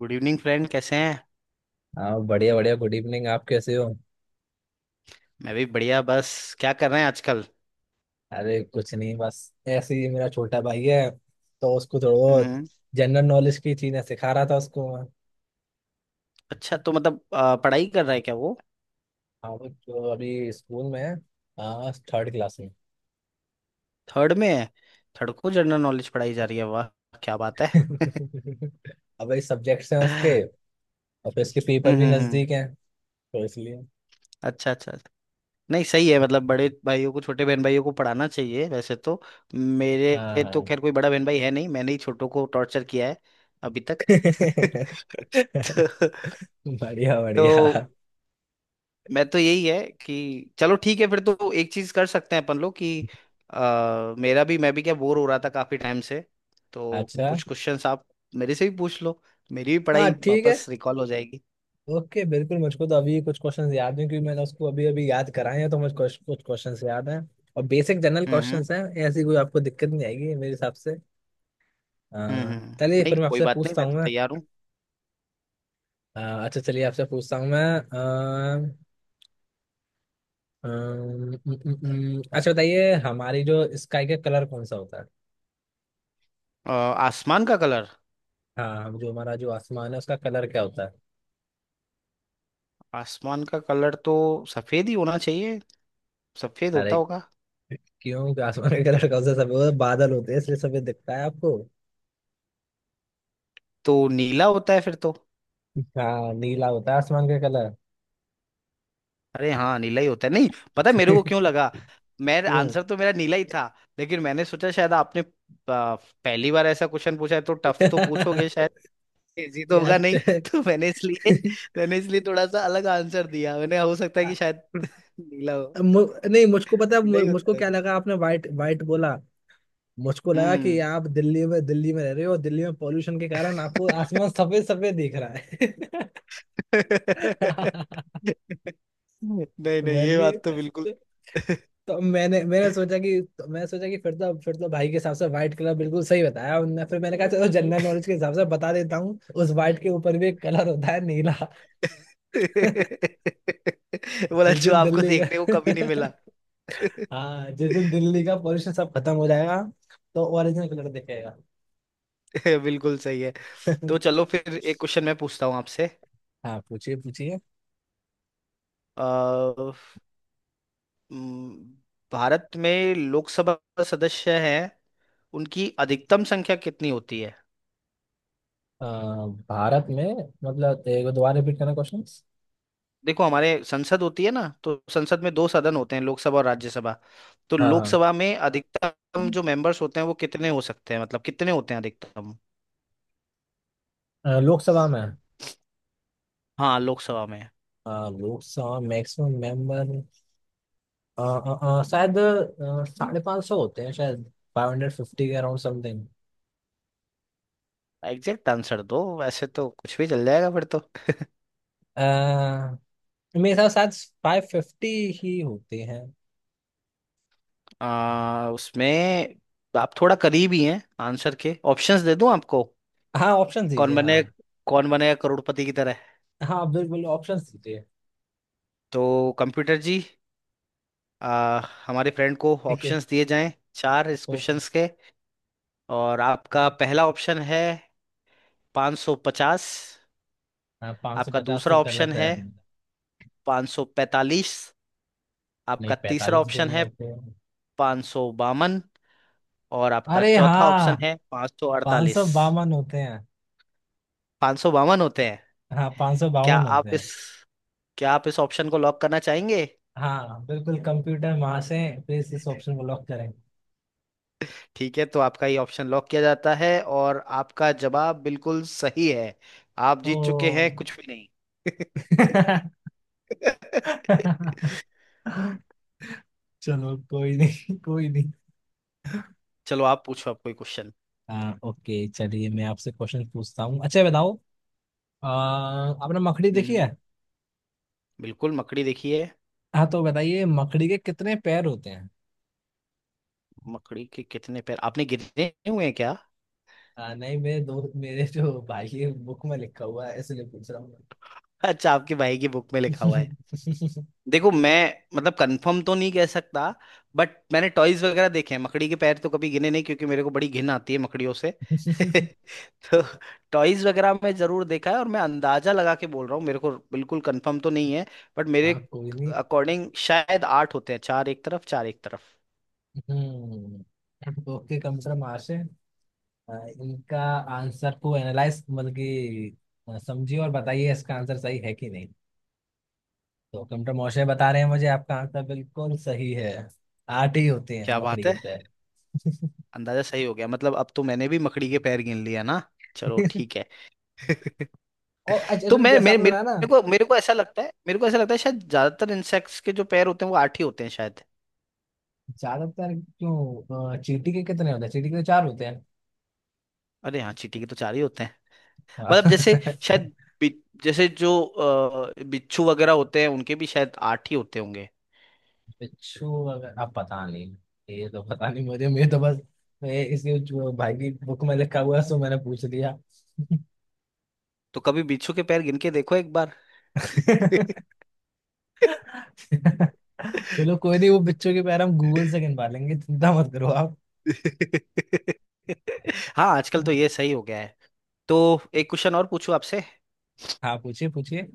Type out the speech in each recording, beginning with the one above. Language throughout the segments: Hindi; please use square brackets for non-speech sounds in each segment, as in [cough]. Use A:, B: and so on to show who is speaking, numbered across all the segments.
A: गुड इवनिंग फ्रेंड, कैसे हैं।
B: हाँ, बढ़िया बढ़िया, गुड इवनिंग। आप कैसे हो?
A: मैं भी बढ़िया बस। क्या कर रहे हैं आजकल।
B: अरे कुछ नहीं, बस ऐसे ही। मेरा छोटा भाई है तो उसको थोड़ा बहुत
A: हम्म।
B: जनरल नॉलेज की चीजें सिखा रहा था उसको मैं।
A: अच्छा तो मतलब पढ़ाई कर रहा है क्या वो।
B: हाँ, वो जो अभी स्कूल में है। हाँ, थर्ड क्लास में।
A: थर्ड में है। थर्ड को जनरल नॉलेज पढ़ाई जा रही है, वाह क्या बात है।
B: [laughs] अब ये सब्जेक्ट्स हैं उसके। और फिर उसके पेपर भी
A: हम्म।
B: नजदीक हैं, तो इसलिए।
A: अच्छा अच्छा अच्छा। नहीं सही है, मतलब बड़े भाइयों को छोटे बहन भाइयों को पढ़ाना चाहिए वैसे तो।
B: हाँ,
A: मेरे तो
B: हाँ।
A: खैर कोई बड़ा बहन भाई है नहीं, मैंने ही छोटों को टॉर्चर किया है अभी तक। [laughs]
B: [laughs]
A: तो,
B: बढ़िया
A: तो
B: बढ़िया।
A: मैं तो यही है कि चलो ठीक है, फिर तो एक चीज कर सकते हैं अपन लोग कि मेरा भी मैं भी क्या बोर हो रहा था काफी टाइम से। तो
B: अच्छा।
A: कुछ क्वेश्चंस आप मेरे से भी पूछ लो। मेरी भी
B: हाँ,
A: पढ़ाई
B: ठीक है।
A: वापस रिकॉल हो जाएगी।
B: ओके, बिल्कुल, मुझको तो अभी कुछ क्वेश्चंस याद हैं क्योंकि मैंने उसको अभी अभी याद कराए हैं, तो मुझे कुछ कुछ क्वेश्चंस याद हैं। और बेसिक जनरल
A: हम्म हम्म
B: क्वेश्चंस हैं। ऐसी कोई आपको दिक्कत नहीं आएगी मेरे हिसाब से। चलिए,
A: नहीं
B: फिर मैं
A: कोई
B: आपसे
A: बात नहीं,
B: पूछता
A: मैं
B: हूँ
A: तो
B: मैं।
A: तैयार हूँ।
B: अच्छा, चलिए आपसे पूछता हूँ मैं। अह, अम, उम, उम, उम, अच्छा, बताइए, हमारी जो स्काई का कलर कौन सा होता है?
A: अ, आसमान का कलर।
B: हाँ, हम जो हमारा जो आसमान है उसका कलर क्या होता है?
A: आसमान का कलर तो सफेद ही होना चाहिए। सफेद होता
B: अरे,
A: होगा।
B: क्यों कि आसमान का कलर कौन सा? सफेद बादल होते हैं इसलिए सफेद दिखता है आपको।
A: तो नीला होता है फिर तो।
B: हाँ, नीला होता है आसमान का कलर।
A: अरे हाँ नीला ही होता है। नहीं, पता है मेरे को क्यों
B: [laughs]
A: लगा। मैं
B: क्यों?
A: आंसर तो मेरा नीला ही था। लेकिन मैंने सोचा शायद आपने आ, पहली बार ऐसा क्वेश्चन पूछा है तो टफ तो पूछोगे
B: यार,
A: शायद। इजी तो होगा नहीं।
B: च-
A: [laughs] तो मैंने इसलिए थोड़ा सा अलग आंसर दिया। मैंने, हो सकता है कि शायद नीला हो।
B: मु, नहीं, मुझको पता है,
A: नीला ही
B: मुझको
A: होता है।
B: क्या लगा आपने वाइट वाइट बोला। मुझको लगा कि
A: हम्म।
B: आप दिल्ली में रह रहे हो, और दिल्ली में पॉल्यूशन के कारण आपको आसमान सफेद सफेद दिख रहा है।
A: [laughs]
B: [laughs]
A: नहीं नहीं,
B: मैंने
A: ये बात तो बिल्कुल।
B: कि-
A: [laughs]
B: तो मैंने मैंने सोचा कि फिर तो भाई के हिसाब से व्हाइट कलर बिल्कुल सही बताया उनने। फिर मैंने कहा चलो जनरल नॉलेज के हिसाब से बता देता हूँ, उस व्हाइट के ऊपर भी एक कलर होता है, नीला। [laughs]
A: बोला
B: जिस
A: जो
B: दिन
A: आपको
B: दिल्ली
A: देखने को कभी नहीं
B: गए,
A: मिला।
B: हाँ, जिस दिन
A: [laughs]
B: दिल्ली का पॉल्यूशन सब खत्म हो जाएगा तो ओरिजिनल कलर दिखेगा।
A: [laughs] बिल्कुल सही है। तो चलो
B: [laughs]
A: फिर एक क्वेश्चन मैं पूछता हूँ आपसे।
B: हाँ, पूछिए, पूछिए।
A: अ, म, भारत में लोकसभा सदस्य हैं, उनकी अधिकतम संख्या कितनी होती है।
B: अ, भारत में, मतलब एक बार दोबारा रिपीट करना क्वेश्चन।
A: देखो हमारे संसद होती है ना, तो संसद में दो सदन होते हैं, लोकसभा और राज्यसभा। तो
B: हाँ, हाँ।
A: लोकसभा में अधिकतम जो मेंबर्स होते हैं वो कितने हो सकते हैं, मतलब कितने होते हैं अधिकतम।
B: लोकसभा में,
A: हाँ लोकसभा में।
B: लोकसभा मैक्सिमम मेंबर, शायद 550 होते हैं शायद। 550 के अराउंड समथिंग।
A: एग्जैक्ट आंसर दो वैसे तो कुछ भी चल जाएगा फिर तो।
B: मेरे हिसाब से शायद 550 ही होते हैं।
A: उसमें आप थोड़ा करीब ही हैं, आंसर के ऑप्शंस दे दूं आपको।
B: हाँ, ऑप्शन
A: कौन
B: दीजिए, हाँ।
A: बने कौन बनेगा करोड़पति की तरह।
B: हाँ, आप बिल्कुल ऑप्शन दीजिए।
A: तो कंप्यूटर जी, आ, हमारे फ्रेंड को
B: ठीक है।
A: ऑप्शंस दिए जाएं चार इस
B: वो,
A: क्वेश्चंस के। और आपका पहला ऑप्शन है 550।
B: हाँ, पाँच सौ
A: आपका
B: पचास तो
A: दूसरा ऑप्शन
B: गलत है।
A: है 545।
B: नहीं,
A: आपका तीसरा
B: 45 भी
A: ऑप्शन
B: नहीं
A: है
B: होते।
A: 552। और आपका
B: अरे
A: चौथा ऑप्शन
B: हाँ,
A: है
B: पाँच सौ
A: 548।
B: बावन होते हैं।
A: 552 होते हैं।
B: हाँ, पाँच सौ
A: क्या
B: बावन होते
A: आप इस
B: हैं।
A: क्या आप इस ऑप्शन को लॉक करना चाहेंगे।
B: हाँ, बिल्कुल, कंप्यूटर महाशय प्लीज इस ऑप्शन को लॉक करें।
A: ठीक है, तो आपका ये ऑप्शन लॉक किया जाता है और आपका जवाब बिल्कुल सही है। आप जीत चुके हैं
B: ओ!
A: कुछ भी नहीं। [laughs]
B: [laughs] चलो, कोई नहीं, कोई नहीं।
A: चलो आप पूछो आप कोई क्वेश्चन।
B: हाँ, ओके, चलिए, मैं आपसे क्वेश्चन पूछता हूँ। अच्छा, बताओ, आ, आपने मकड़ी देखी
A: हम्म,
B: है?
A: बिल्कुल मकड़ी देखिए।
B: हाँ, तो बताइए मकड़ी के कितने पैर होते हैं?
A: मकड़ी के कितने पैर आपने गिने हुए हैं क्या?
B: नहीं, मेरे जो भाई है बुक में लिखा हुआ है इसलिए पूछ रहा हूँ मैं।
A: अच्छा आपके भाई की बुक में लिखा हुआ है। देखो मैं मतलब कंफर्म तो नहीं कह सकता। बट मैंने टॉयज वगैरह देखे हैं, मकड़ी के पैर तो कभी गिने नहीं, क्योंकि मेरे को बड़ी घिन आती है मकड़ियों से। [laughs]
B: [laughs]
A: तो [laughs] टॉयज वगैरह में जरूर देखा है, और मैं अंदाजा लगा के बोल रहा हूँ, मेरे को बिल्कुल कंफर्म तो नहीं है। बट मेरे
B: हाँ, कोई नहीं।
A: अकॉर्डिंग शायद आठ होते हैं, चार एक तरफ चार एक तरफ।
B: हम्म, ओके, कंप्यूटर मार्श है। अ, इनका आंसर को एनालाइज, मतलब कि समझिए और बताइए इसका आंसर सही है कि नहीं। तो कंप्यूटर मॉडल बता रहे हैं मुझे, आपका आंसर बिल्कुल सही है। आठ ही होते हैं
A: क्या
B: मकड़ी
A: बात
B: के
A: है,
B: पैर।
A: अंदाजा सही हो गया। मतलब अब तो मैंने भी मकड़ी के पैर गिन लिया ना। चलो
B: [laughs]
A: ठीक है। [laughs]
B: और अच्छा,
A: तो
B: actually
A: मैं
B: जैसा
A: मेरे
B: आपने बताया ना,
A: मेरे को ऐसा लगता है शायद ज्यादातर इंसेक्ट्स के जो पैर होते हैं वो आठ ही होते हैं शायद।
B: ज्यादातर। क्यों, चींटी के कितने होते हैं? चींटी के तो चार होते हैं।
A: अरे हाँ, चींटी के तो चार ही होते हैं। मतलब जैसे
B: हाँ। [laughs]
A: शायद बि- जैसे जो बिच्छू वगैरह होते हैं उनके भी शायद आठ ही होते होंगे।
B: बिच्छू अगर आप, पता नहीं, ये तो पता नहीं मुझे, मैं तो बस, मैं इसके जो भाई की बुक में लिखा हुआ है सो मैंने पूछ लिया।
A: तो कभी बिच्छू के पैर गिन के देखो एक बार।
B: [laughs] चलो, कोई नहीं, वो बच्चों के पैर हम गूगल से गिनवा लेंगे, चिंता मत करो आप।
A: हाँ आजकल तो ये सही हो गया है। तो एक क्वेश्चन और पूछूं आपसे।
B: हाँ, पूछिए, पूछिए।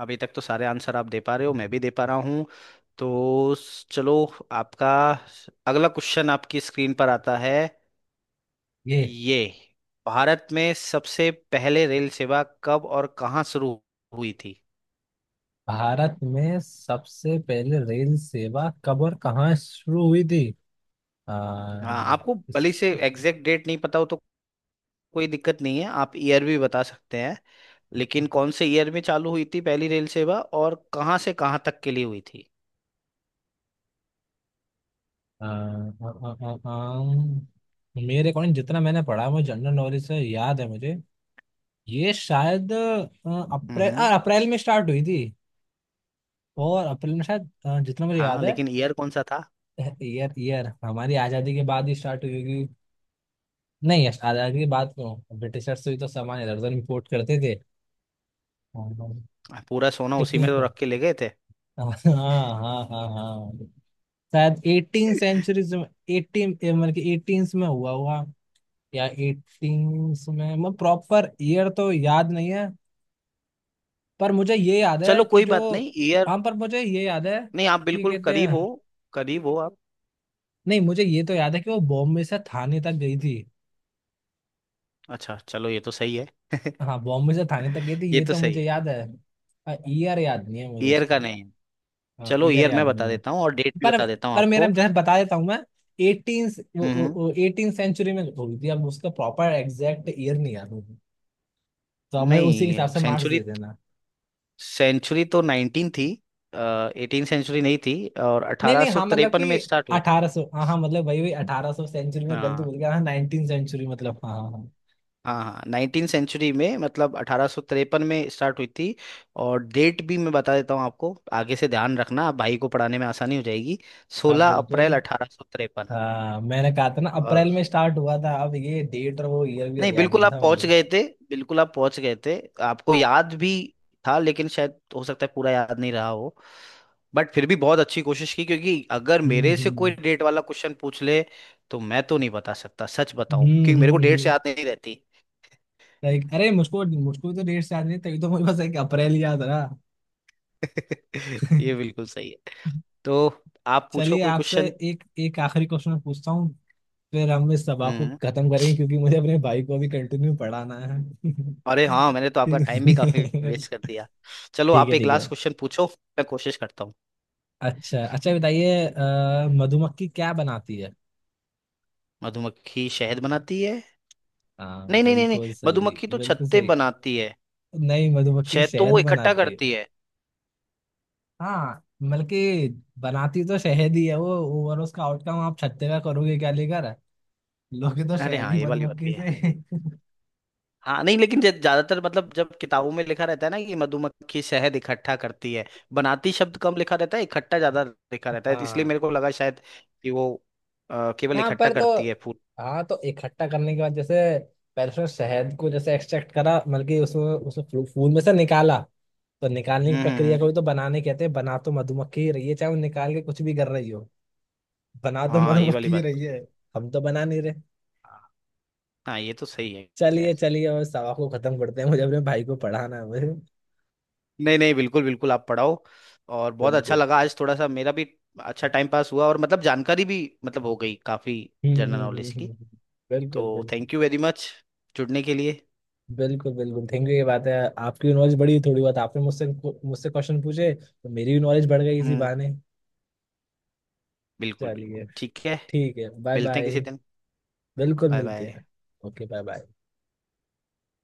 A: अभी तक तो सारे आंसर आप दे पा रहे हो, मैं भी दे पा रहा हूँ। तो चलो, आपका अगला क्वेश्चन आपकी स्क्रीन पर आता है,
B: ये
A: ये भारत में सबसे पहले रेल सेवा कब और कहाँ शुरू हुई थी।
B: भारत में सबसे पहले रेल सेवा कब और कहाँ शुरू हुई थी? आ,
A: हाँ आपको
B: इस,
A: भले से एग्जैक्ट डेट नहीं पता हो तो कोई दिक्कत नहीं है, आप ईयर भी बता सकते हैं। लेकिन कौन से ईयर में चालू हुई थी पहली रेल सेवा, और कहाँ से कहाँ तक के लिए हुई थी।
B: आ, आ, आ, आ, आ, मेरे अकॉर्डिंग जितना मैंने पढ़ा, मुझे जनरल नॉलेज से याद है मुझे, ये शायद अप्रैल
A: हम्म।
B: आ, अप्रैल में स्टार्ट हुई थी। और अप्रैल में शायद, जितना मुझे
A: हाँ
B: याद है।
A: लेकिन ईयर कौन सा था।
B: ईयर, ईयर हमारी आजादी के बाद ही स्टार्ट हुई होगी। नहीं, यश, आजाद की बात क्यों, ब्रिटिशर्स भी तो सामान इधर उधर इम्पोर्ट करते थे। हाँ।
A: पूरा सोना उसी
B: कितने
A: में तो
B: का?
A: रख के ले गए थे।
B: हाँ, हाँ, हाँ, हाँ, शायद एटीन सेंचुरीज में। एटीन मतलब कि 18th में हुआ हुआ, या एटीन में, मैं प्रॉपर ईयर तो याद नहीं है। पर मुझे ये याद है
A: चलो
B: कि
A: कोई बात
B: जो,
A: नहीं, ईयर
B: हाँ, पर मुझे ये याद है
A: नहीं, आप
B: कि
A: बिल्कुल
B: कहते हैं,
A: करीब हो आप।
B: नहीं, मुझे ये तो याद है कि वो बॉम्बे से थाने तक गई थी।
A: अच्छा चलो ये तो सही है। [laughs]
B: हाँ, बॉम्बे से थाने तक गई थी
A: ये
B: ये
A: तो
B: तो
A: सही
B: मुझे
A: है।
B: याद है। ईयर याद नहीं है मुझे
A: ईयर का
B: उसका।
A: नहीं है।
B: हाँ,
A: चलो
B: ईयर
A: ईयर मैं
B: याद
A: बता
B: नहीं है।
A: देता हूँ और डेट भी
B: पर
A: बता देता हूँ
B: पर मेरा,
A: आपको।
B: जैसे बता देता हूँ मैं, एटीन
A: हम्म।
B: एटीन सेंचुरी में हुई थी, अब उसका प्रॉपर एग्जैक्ट ईयर नहीं याद मुझे। तो हमें उसी के हिसाब
A: नहीं,
B: से मार्क्स
A: सेंचुरी
B: दे देना।
A: सेंचुरी तो 19 थी। एटीन सेंचुरी नहीं थी। और
B: नहीं
A: अठारह
B: नहीं,
A: सौ
B: हाँ, मतलब
A: तिरपन
B: कि
A: में स्टार्ट हुई थी।
B: 1800, हाँ हाँ, मतलब वही वही, 1800 सेंचुरी में गलत
A: हाँ
B: बोल गया, हाँ, नाइनटीन सेंचुरी मतलब, हाँ, हाँ, हाँ।
A: हाँ हाँ, नाइनटीन सेंचुरी में, मतलब 1853 में स्टार्ट हुई थी। और डेट भी मैं बता देता हूँ आपको। आगे से ध्यान रखना, आप भाई को पढ़ाने में आसानी हो जाएगी।
B: हाँ,
A: सोलह
B: बिल्कुल।
A: अप्रैल अठारह सौ तिरपन
B: हाँ, मैंने कहा था ना
A: और
B: अप्रैल में स्टार्ट हुआ था, अब ये डेट और वो ईयर वीयर
A: नहीं,
B: याद
A: बिल्कुल
B: नहीं
A: आप
B: था
A: पहुंच
B: मुझे।
A: गए थे। बिल्कुल आप पहुंच गए थे। आपको याद भी था, लेकिन शायद हो सकता है पूरा याद नहीं रहा हो। बट फिर भी बहुत अच्छी कोशिश की, क्योंकि अगर
B: हम्म
A: मेरे से कोई
B: हम्म
A: डेट वाला क्वेश्चन पूछ ले तो मैं तो नहीं बता सकता, सच बताऊं,
B: हम्म
A: क्योंकि मेरे को
B: हम्म
A: डेट से
B: हम्म।
A: याद नहीं रहती।
B: लाइक, अरे, मुझको मुझको भी तो डेट याद नहीं, तभी तो मुझे बस एक अप्रैल याद रहा।
A: [laughs] ये बिल्कुल सही है। तो आप पूछो
B: चलिए,
A: कोई
B: आपसे
A: क्वेश्चन।
B: एक एक आखिरी क्वेश्चन पूछता हूँ। फिर हम इस सभा को
A: हम्म।
B: खत्म करेंगे क्योंकि मुझे अपने भाई को अभी कंटिन्यू पढ़ाना है। [laughs]
A: अरे हाँ, मैंने तो आपका टाइम भी काफी
B: ठीक।
A: वेस्ट कर दिया। चलो
B: ठीक
A: आप
B: है,
A: एक
B: ठीक है।
A: लास्ट क्वेश्चन पूछो। मैं कोशिश करता हूँ।
B: अच्छा अच्छा, बताइए मधुमक्खी क्या बनाती है?
A: मधुमक्खी शहद बनाती है।
B: हाँ,
A: नहीं नहीं नहीं नहीं,
B: बिल्कुल सही,
A: मधुमक्खी तो
B: बिल्कुल
A: छत्ते
B: सही।
A: बनाती है।
B: नहीं, मधुमक्खी
A: शहद तो
B: शहद
A: वो इकट्ठा
B: बनाती है।
A: करती है।
B: हाँ, मतलब कि बनाती तो शहद ही है वो, ओवरऑल उसका आउटकम आप छत्ते का करोगे क्या लेकर? लोगे तो
A: अरे
B: शहद
A: हाँ,
B: ही
A: ये वाली बात
B: मधुमक्खी
A: भी है।
B: से।
A: हाँ नहीं, लेकिन ज्यादातर मतलब जब किताबों में लिखा रहता है ना कि मधुमक्खी शहद इकट्ठा करती है। बनाती शब्द कम लिखा रहता है, इकट्ठा ज्यादा लिखा
B: [laughs]
A: रहता है, तो इसलिए
B: हाँ।
A: मेरे को लगा शायद कि वो केवल
B: हाँ,
A: इकट्ठा
B: पर तो,
A: करती है फूल।
B: हाँ, तो इकट्ठा करने के बाद जैसे, पहले उसने शहद को जैसे एक्सट्रैक्ट करा, मतलब कि उसमें उसमें फूल में से निकाला। तो निकालने
A: हम्म
B: की
A: हम्म
B: प्रक्रिया को
A: हम्म।
B: भी तो बनाने कहते हैं, बना तो मधुमक्खी ही रही है, चाहे वो निकाल के कुछ भी कर रही हो। बना तो
A: हाँ ये वाली
B: मधुमक्खी ही
A: बात तो
B: रही
A: सही।
B: है, हम तो बना नहीं रहे।
A: हाँ हाँ, ये तो सही है।
B: चलिए,
A: खैर
B: चलिए, और सवा को खत्म करते हैं, मुझे अपने भाई को पढ़ाना है मुझे।
A: नहीं नहीं, बिल्कुल बिल्कुल आप पढ़ाओ। और बहुत अच्छा
B: बिल्कुल।
A: लगा आज, थोड़ा सा मेरा भी अच्छा टाइम पास हुआ, और मतलब जानकारी भी मतलब हो गई काफी,
B: हम्म
A: जनरल
B: हम्म हम्म
A: नॉलेज की।
B: हम्म, हम्म। बिल्कुल
A: तो
B: बिल्कुल।
A: थैंक यू वेरी मच जुड़ने के लिए।
B: बिल्कुल बिल्कुल, थैंक यू, ये बात है। आपकी नॉलेज बड़ी, थोड़ी बहुत आपने मुझसे मुझसे क्वेश्चन पूछे तो मेरी भी नॉलेज बढ़ गई इसी
A: हम्म,
B: बहाने।
A: बिल्कुल
B: चलिए,
A: बिल्कुल ठीक है।
B: ठीक है, बाय
A: मिलते हैं किसी
B: बाय।
A: दिन।
B: बिल्कुल,
A: बाय
B: मिलते
A: बाय।
B: हैं। Okay, bye bye.